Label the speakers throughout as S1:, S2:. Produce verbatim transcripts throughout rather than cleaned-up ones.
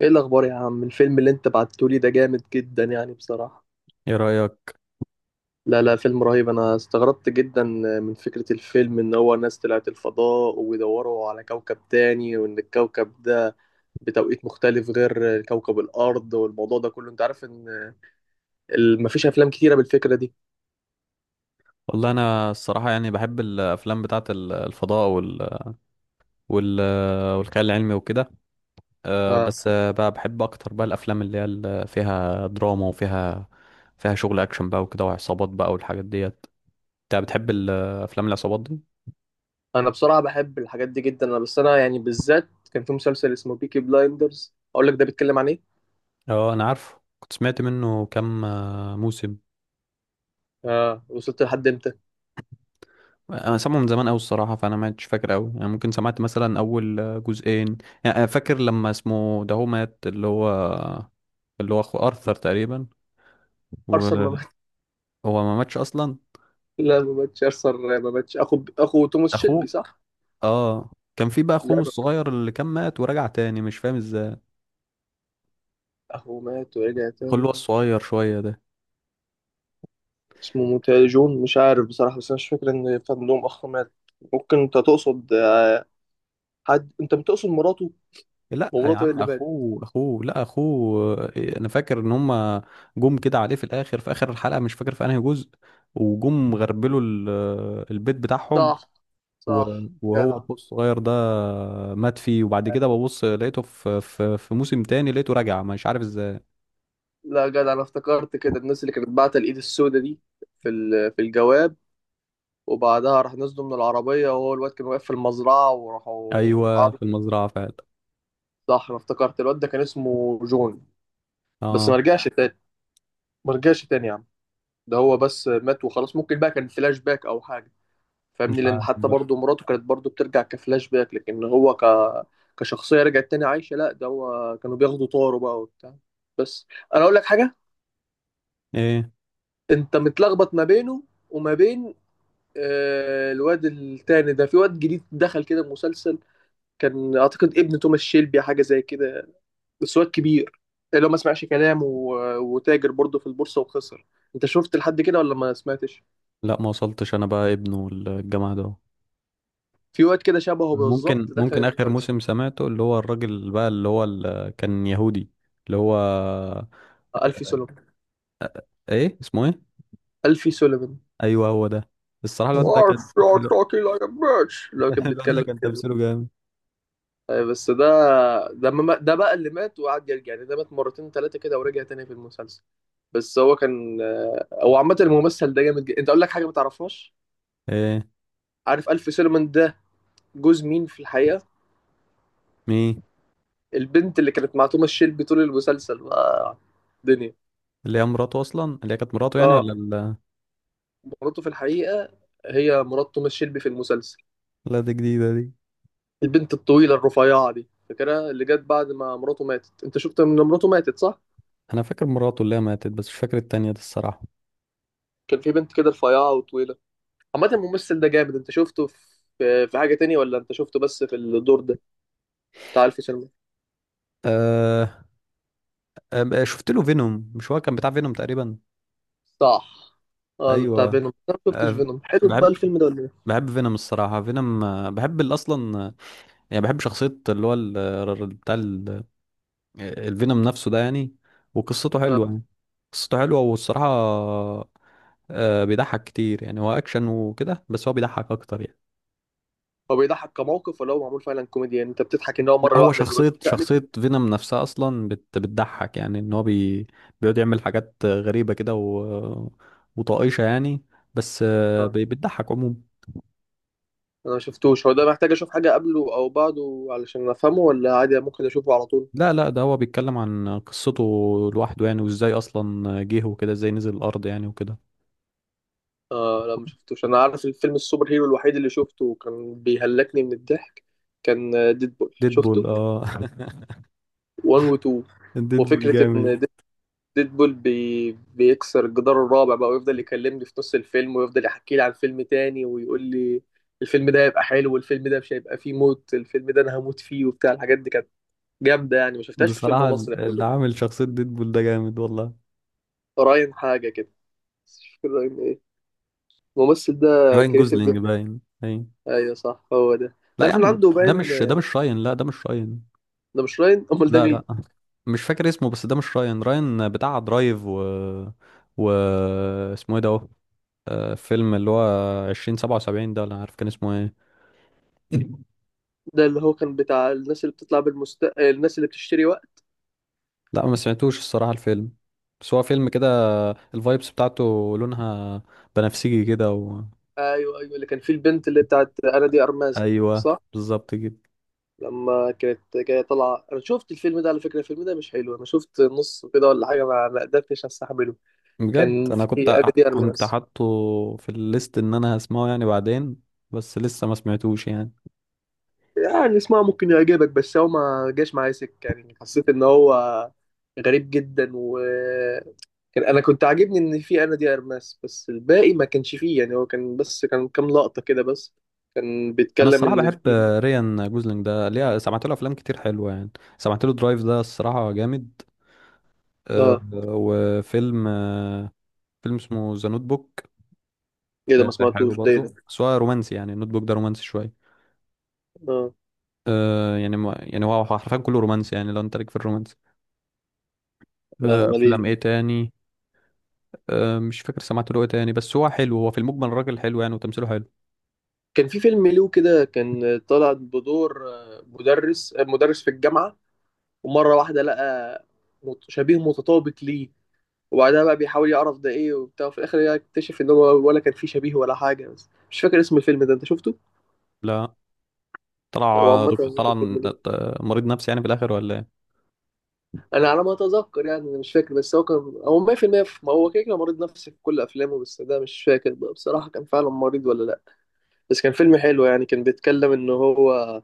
S1: ايه الاخبار يا عم؟ الفيلم اللي انت بعتهولي ده جامد جدا يعني بصراحة.
S2: ايه رأيك؟
S1: لا لا، فيلم رهيب، انا استغربت جدا من فكرة الفيلم، ان هو ناس طلعت الفضاء وبيدوروا على كوكب تاني، وان الكوكب ده بتوقيت مختلف غير كوكب الارض، والموضوع ده كله انت عارف ان ال- مفيش افلام كتيرة بالفكرة دي.
S2: والله انا الصراحة يعني بحب الافلام بتاعة ال- الفضاء وال... وال... والخيال العلمي وكده. أه،
S1: آه.
S2: بس أه، بقى بحب اكتر بقى الافلام اللي هي ال- فيها دراما وفيها فيها شغل اكشن بقى وكده وعصابات بقى والحاجات ديت. انت بتحب ال- افلام العصابات دي؟
S1: انا بصراحة بحب الحاجات دي جدا، انا بس انا يعني بالذات كان في مسلسل اسمه بيكي بلايندرز، اقول لك ده بيتكلم عن ايه.
S2: اه، انا عارفه، كنت سمعت منه كام أه، موسم.
S1: اه، وصلت لحد امتى؟
S2: انا سامعه من زمان قوي الصراحة، فانا ما عدتش فاكر قوي يعني، ممكن سمعت مثلا اول أه، جزئين. يعني أنا فاكر لما اسمه ده هو مات، اللي هو اللي هو اخو ارثر تقريبا.
S1: ارثر؟
S2: هو ما ماتش اصلا
S1: لا ما ماتش ارثر، ما ماتش اخو اخو توماس شيلبي،
S2: اخوه؟
S1: صح؟
S2: اه. كان في بقى
S1: لا
S2: اخوه
S1: ما-
S2: الصغير اللي كان مات ورجع تاني، مش فاهم ازاي.
S1: اخو مات ورجع
S2: اخوه اللي
S1: تاني؟
S2: هو الصغير شويه ده.
S1: اسمه متهيألي جون، مش عارف بصراحة، بس انا مش فاكر ان كان لهم اخ مات. ممكن انت تقصد آه، حد، انت بتقصد مراته؟
S2: لا يا
S1: ومراته هي
S2: عم،
S1: اللي ماتت.
S2: اخوه اخوه، لا اخوه. آه، انا فاكر ان هما جم كده عليه في الاخر، في اخر الحلقه مش فاكر في انهي جزء، وجم غربلوا ال- آه، البيت بتاعهم.
S1: صح.
S2: و-
S1: صح.
S2: وهو
S1: جدع.
S2: اخوه الصغير ده مات فيه، وبعد كده ببص لقيته في في في موسم تاني لقيته رجع مش عارف ازاي.
S1: لا جدع، انا افتكرت كده الناس اللي كانت باعتة الايد السوداء دي في ال- في الجواب، وبعدها راح نزلوا من العربية وهو الواد كان واقف في المزرعة وراحوا
S2: ايوه
S1: قعدوا.
S2: في المزرعه فعلا.
S1: صح. انا افتكرت الواد ده كان اسمه جون، بس ما
S2: اه.
S1: رجعش تاني. ما رجعش تاني يا عم، ده هو بس مات وخلاص. ممكن بقى كان فلاش باك او حاجه،
S2: مش
S1: فاهمني؟ لان
S2: عارف
S1: حتى
S2: بقى.
S1: برضه مراته كانت برضه بترجع كفلاش باك، لكن هو ك كشخصيه رجعت تاني عايشه؟ لا ده هو كانوا بياخدوا طاره بقى وبتاع. بس، انا اقول لك حاجه،
S2: ايه؟
S1: انت متلخبط ما بينه وما بين آه، الواد التاني ده. في واد جديد دخل كده المسلسل، كان اعتقد ابن توماس شيلبي حاجه زي كده، بس واد كبير، اللي هو ما سمعش كلام و... وتاجر برضه في البورصه وخسر. انت شفت لحد كده ولا ما سمعتش؟
S2: لا ما وصلتش، انا بقى ابنه الجامعة ده.
S1: في واد كده شبهه
S2: ممكن
S1: بالظبط دخل
S2: ممكن اخر
S1: المسلسل،
S2: موسم سمعته اللي هو الراجل بقى اللي هو ال- كان يهودي. اللي هو.
S1: آه، ألفي سوليفان.
S2: ايه اسمه؟ ايه؟
S1: ألفي سوليفان.
S2: ايوه هو ده. الصراحة الواد ده كان.
S1: "Arf, you're
S2: الو-
S1: talking like a bitch" لو كان
S2: الواد ده
S1: بيتكلم
S2: كان
S1: كده.
S2: تمثيله جامد.
S1: آه، بس ده، ده ما ده بقى اللي مات وقعد يرجع، يعني ده مات مرتين ثلاثة كده ورجع تاني في المسلسل. بس هو كان آه، هو عامة الممثل ده جامد جدا. انت اقول لك حاجة ما تعرفهاش.
S2: ايه؟
S1: عارف ألفي سوليفان ده جوز مين في الحقيقة؟
S2: مين؟
S1: البنت اللي كانت مع توماس شيلبي طول المسلسل بقى، الدنيا.
S2: اللي هي مراته اصلا، اللي هي كانت مراته يعني،
S1: اه.
S2: ولا ال...
S1: مراته في الحقيقة، هي مرات توماس شيلبي في المسلسل.
S2: لا دي جديدة دي.
S1: البنت الطويلة الرفيعة دي، فاكرها؟ اللي جت بعد ما مراته ماتت. انت شفت ان مراته ماتت، صح؟
S2: انا فاكر مراته اللي هي ماتت، بس مش فاكر التانية دي الصراحة.
S1: كان في بنت كده رفيعة وطويلة. عامة الممثل ده جامد، انت شفته في في حاجة تانية ولا انت شفته بس في الدور ده بتاع الف سلمى؟
S2: أه... أه... شفت له فينوم، مش هو كان بتاع فينوم تقريبا؟
S1: صح. اه بتاع
S2: ايوه.
S1: فينوم. انا ما شفتش
S2: أه...
S1: فينوم، حلو
S2: بحب
S1: بقى الفيلم ده ولا ايه؟
S2: بحب فينوم الصراحة. فينوم آه، بحب ال- اصلا يعني، بحب شخصية اللي هو ال- ال- بتاع ال- آه، الفينوم نفسه ده يعني. وقصته حلوة
S1: اه.
S2: يعني. قصته حلوة والصراحة آه، بيضحك كتير يعني، هو أكشن وكده بس هو بيضحك أكتر يعني.
S1: هو بيضحك كموقف ولا هو معمول فعلا كوميديا، يعني انت بتضحك ان هو
S2: لا،
S1: مرة
S2: هو
S1: واحدة الواد
S2: شخصية
S1: تقلب؟
S2: شخصية فينوم نفسها أصلا بت بتضحك يعني، إن هو بي بيقعد يعمل حاجات غريبة كده و... وطائشة يعني. بس آه،
S1: اه.
S2: بي- بتضحك عموما.
S1: انا ما شفتوش، هو ده محتاج اشوف حاجة قبله او بعده علشان افهمه ولا عادي ممكن اشوفه على طول؟
S2: لا لا، ده هو بيتكلم عن قصته لوحده يعني، وإزاي أصلا جه وكده، إزاي نزل الأرض يعني وكده.
S1: اه لا ما شفتوش. انا عارف الفيلم السوبر هيرو الوحيد اللي شفته وكان بيهلكني من الضحك كان ديدبول،
S2: ديدبول
S1: شفته
S2: اه
S1: واحد و اتنين.
S2: ديدبول
S1: وفكرة
S2: جامد.
S1: ان ديدبول بي... بيكسر الجدار الرابع بقى ويفضل يكلمني في نص الفيلم ويفضل يحكي لي عن فيلم تاني ويقول لي الفيلم ده هيبقى حلو، والفيلم ده مش هيبقى فيه موت، الفيلم ده انا هموت فيه، وبتاع الحاجات دي كانت جامدة يعني، ما شفتهاش في فيلم
S2: بصراحة
S1: مصري قبل
S2: اللي
S1: كده.
S2: عامل شخصية ديدبول ده جامد والله.
S1: راين حاجة كده، بس مش فاكر راين ايه، الممثل ده
S2: راين
S1: كريتيف
S2: جوزلينج،
S1: جدا.
S2: باين باين.
S1: ايوه صح، هو ده،
S2: لا يا
S1: تعرف ان
S2: عم،
S1: عنده
S2: ده
S1: باين؟
S2: مش ده مش راين، لا ده مش راين.
S1: ده مش راين، امال ده
S2: لا
S1: مين؟
S2: لا. مش فاكر اسمه، بس ده مش راين. راين بتاع درايف و و اسمه ايه ده اهو؟ آه، فيلم اللي هو عشرين سبعة وسبعين ده، ولا عارف كان اسمه ايه.
S1: ده اللي هو كان بتاع الناس اللي بتطلع بالمست آه، الناس اللي بتشتري وقت.
S2: لا ما سمعتوش الصراحة الفيلم، بس هو فيلم كده الفايبس بتاعته لونها بنفسجي كده و...
S1: ايوه ايوه، اللي كان فيه البنت اللي بتاعت انا دي ارماز دي،
S2: ايوه
S1: صح؟
S2: بالظبط كده.
S1: لما كانت جايه طالعه. انا شفت الفيلم ده، على فكره الفيلم ده مش حلو، انا شفت نص كده ولا حاجه ما ما قدرتش استحمله.
S2: بجد
S1: كان
S2: انا كنت
S1: في انا
S2: ع-
S1: دي
S2: كنت
S1: ارماز،
S2: حاطه في الليست ان انا هسمعه يعني بعدين، بس لسه ما سمعتوش يعني.
S1: يعني اسمها ممكن يعجبك، بس هو ما جاش معايا سكه، يعني حسيت ان هو غريب جدا، و كان انا كنت عاجبني ان في انا دي ارماس، بس الباقي ما كانش فيه يعني. هو كان بس كان كام لقطة كده بس، كان
S2: انا
S1: بيتكلم
S2: الصراحه
S1: ان
S2: بحب
S1: في
S2: ريان جوزلينج ده، ليه؟ سمعت له افلام كتير حلوه يعني. سمعت له درايف ده الصراحه جامد. أه
S1: اه.
S2: وفيلم أه فيلم اسمه ذا نوت بوك.
S1: ايه ده؟
S2: أه
S1: ما
S2: حلو
S1: سمعتوش ده، ايه
S2: برضه
S1: ده؟
S2: بس هو رومانسي يعني، النوت بوك ده رومانسي شويه.
S1: اه
S2: أه يعني، ما يعني هو حرفيا كله رومانسي يعني، لو انت ليك في الرومانسي.
S1: لا
S2: أه
S1: ماليش.
S2: افلام ايه تاني؟ أه مش فاكر سمعت له ايه تاني، بس هو حلو، هو في المجمل الراجل حلو يعني، وتمثيله حلو.
S1: كان في فيلم له كده، كان طالع بدور آه، مدرس، آه، مدرس في الجامعة، ومرة واحدة لقى مت- شبيه متطابق ليه، وبعدها بقى بيحاول يعرف ده ايه وبتاع، وفي الاخر يكتشف ان هو ولا كان فيه شبيه ولا حاجة، بس مش فاكر اسم الفيلم ده، انت شفته؟
S2: لا.
S1: هو
S2: طلع
S1: عامة
S2: دك- طلع ن-
S1: الفيلم ده،
S2: مريض نفسي يعني في الاخر ولا ايه؟
S1: انا على ما اتذكر يعني، أنا مش فاكر، بس هو كان هو مية في المية في- المية في- ما هو كده كده مريض نفسي في كل افلامه، بس ده مش فاكر بقى بصراحه كان فعلا مريض ولا لا. بس كان فيلم حلو يعني، كان بيتكلم ان هو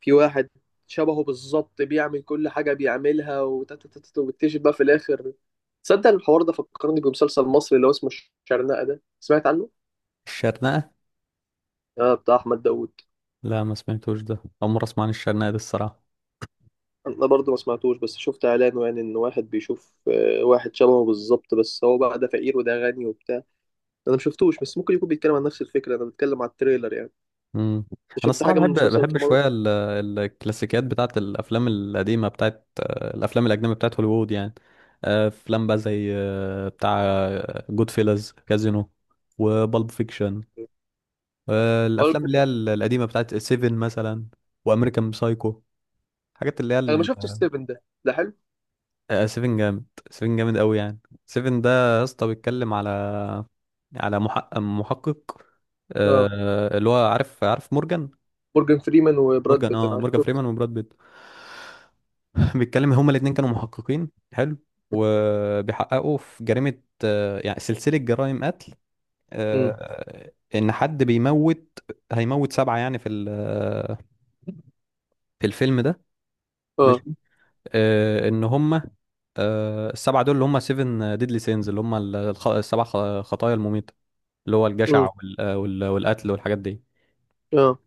S1: في واحد شبهه بالظبط بيعمل كل حاجه بيعملها، وتتتت وبيكتشف بقى في الاخر. تصدق الحوار ده فكرني بمسلسل مصري اللي هو اسمه الشرنقه، ده سمعت عنه؟
S2: الشرنقه؟
S1: اه، بتاع احمد داوود.
S2: لا ما سمعتوش، ده اول مره اسمع عن الشرنقه دي الصراحه.
S1: انا برضه ما سمعتوش، بس شفت اعلانه يعني، ان واحد بيشوف آه، واحد شبهه بالظبط بس هو بقى ده فقير وده غني وبتاع. انا مشفتوش بس ممكن يكون بيتكلم عن نفس الفكره، انا بتكلم على التريلر يعني.
S2: امم.
S1: انت
S2: انا
S1: شفت
S2: الصراحه
S1: حاجه من
S2: بحب بحب
S1: مسلسلات رمضان؟
S2: شويه ال- الكلاسيكيات بتاعت الافلام القديمه، بتاعت آه، الافلام الاجنبيه بتاعت هوليوود يعني. آه، افلام بقى زي آه، بتاع جود فيلز، كازينو، وبالب فيكشن،
S1: هو
S2: الافلام اللي
S1: الفكره.
S2: هي ال- القديمه، بتاعت سيفن مثلا، وامريكان سايكو، الحاجات اللي هي
S1: انا ما شفتش ستيفن ده، ده حلو؟
S2: آه، سيفن جامد، سيفن جامد قوي يعني. سيفن ده يا اسطى بيتكلم على على محقق، محقق
S1: اه
S2: آه، اللي هو عارف، عارف مورجان.
S1: مورجان فريمان وبراد
S2: مورجان،
S1: بيت،
S2: اه،
S1: انا
S2: مورجان
S1: شفت.
S2: فريمان وبراد بيت بيتكلم هما الاتنين كانوا محققين حلو، وبيحققوا في جريمة، آه، يعني سلسلة جرائم قتل،
S1: امم.
S2: آه، ان حد بيموت. هيموت سبعة يعني في ال- في الفيلم ده.
S1: اه.
S2: ماشي. آه، ان هما آه، السبعة دول اللي هم سيفن ديدلي سينز، اللي هم ال- الخ- السبع خ- خطايا المميتة، اللي هو
S1: امم.
S2: الجشع وال- آه، وال- والقتل والحاجات دي.
S1: اه.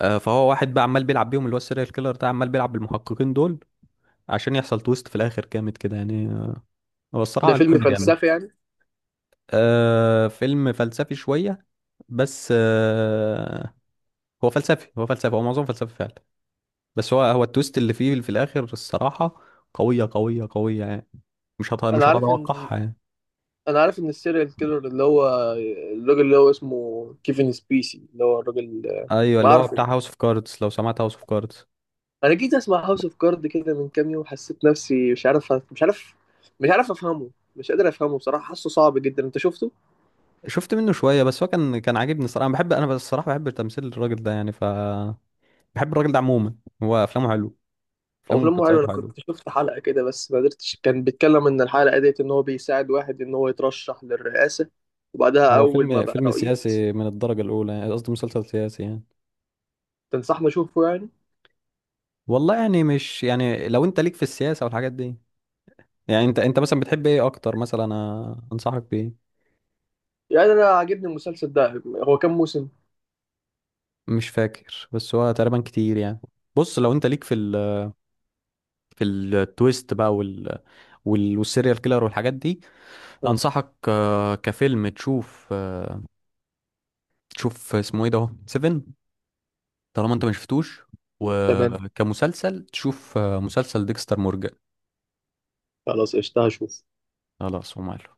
S2: آه، فهو واحد بقى عمال بيلعب بيهم، اللي هو السيريال كيلر ده عمال بيلعب بالمحققين دول عشان يحصل تويست في الآخر جامد كده يعني. آه، هو
S1: ده
S2: الصراحة
S1: فيلم
S2: الفيلم جامد.
S1: فلسفي يعني؟
S2: آه، فيلم فلسفي شوية، بس آه، هو فلسفي، هو فلسفي، هو معظمه فلسفي فعلا. بس هو هو التويست اللي فيه في الآخر الصراحة قوية قوية قوية يعني، مش هت-
S1: انا
S2: مش
S1: عارف ان،
S2: هتتوقعها يعني.
S1: انا عارف ان السيريال كيلر اللي هو الراجل اللي هو اسمه كيفن سبيسي، اللي هو الراجل.
S2: ايوه
S1: انا
S2: اللي هو
S1: عارفه.
S2: بتاع هاوس اوف كاردز، لو سمعت هاوس اوف كاردز.
S1: انا جيت اسمع هاوس اوف كارد كده من كام يوم، حسيت نفسي مش عارف، مش عارف، مش عارف افهمه، مش قادر افهمه بصراحه، حاسه صعب جدا، انت شفته؟
S2: شفت منه شويه، بس هو كان كان عاجبني الصراحه. انا بحب، انا بس الصراحه بحب تمثيل الراجل ده يعني، ف بحب الراجل ده عموما. هو افلامه حلو،
S1: هو
S2: افلامه
S1: فيلم حلو.
S2: ومسلسلاته
S1: انا كنت
S2: حلو.
S1: شفت حلقة كده بس ما قدرتش، كان بيتكلم ان الحلقة ديت ان هو بيساعد واحد ان هو يترشح للرئاسة، وبعدها
S2: هو
S1: اول ما
S2: فيلم
S1: بقى
S2: فيلم
S1: رئيس.
S2: سياسي من الدرجه الاولى يعني، قصدي مسلسل سياسي يعني.
S1: تنصحني اشوفه يعني؟
S2: والله يعني، مش يعني، لو انت ليك في السياسه والحاجات دي، يعني انت انت مثلا بتحب ايه اكتر مثلا انا انصحك بايه؟
S1: يعني انا عاجبني المسلسل ده، هو كام موسم؟
S2: مش فاكر، بس هو تقريبا كتير يعني. بص، لو انت ليك في ال... في التويست بقى وال... وال... والسيريال كيلر والحاجات دي،
S1: آه.
S2: انصحك آه، كفيلم تشوف آه، تشوف اسمه ايه ده اهو، سيفن، طالما انت ما شفتوش.
S1: تمام،
S2: وكمسلسل تشوف آه، مسلسل ديكستر مورجان.
S1: خلاص قشطة، هشوف.
S2: خلاص وماله.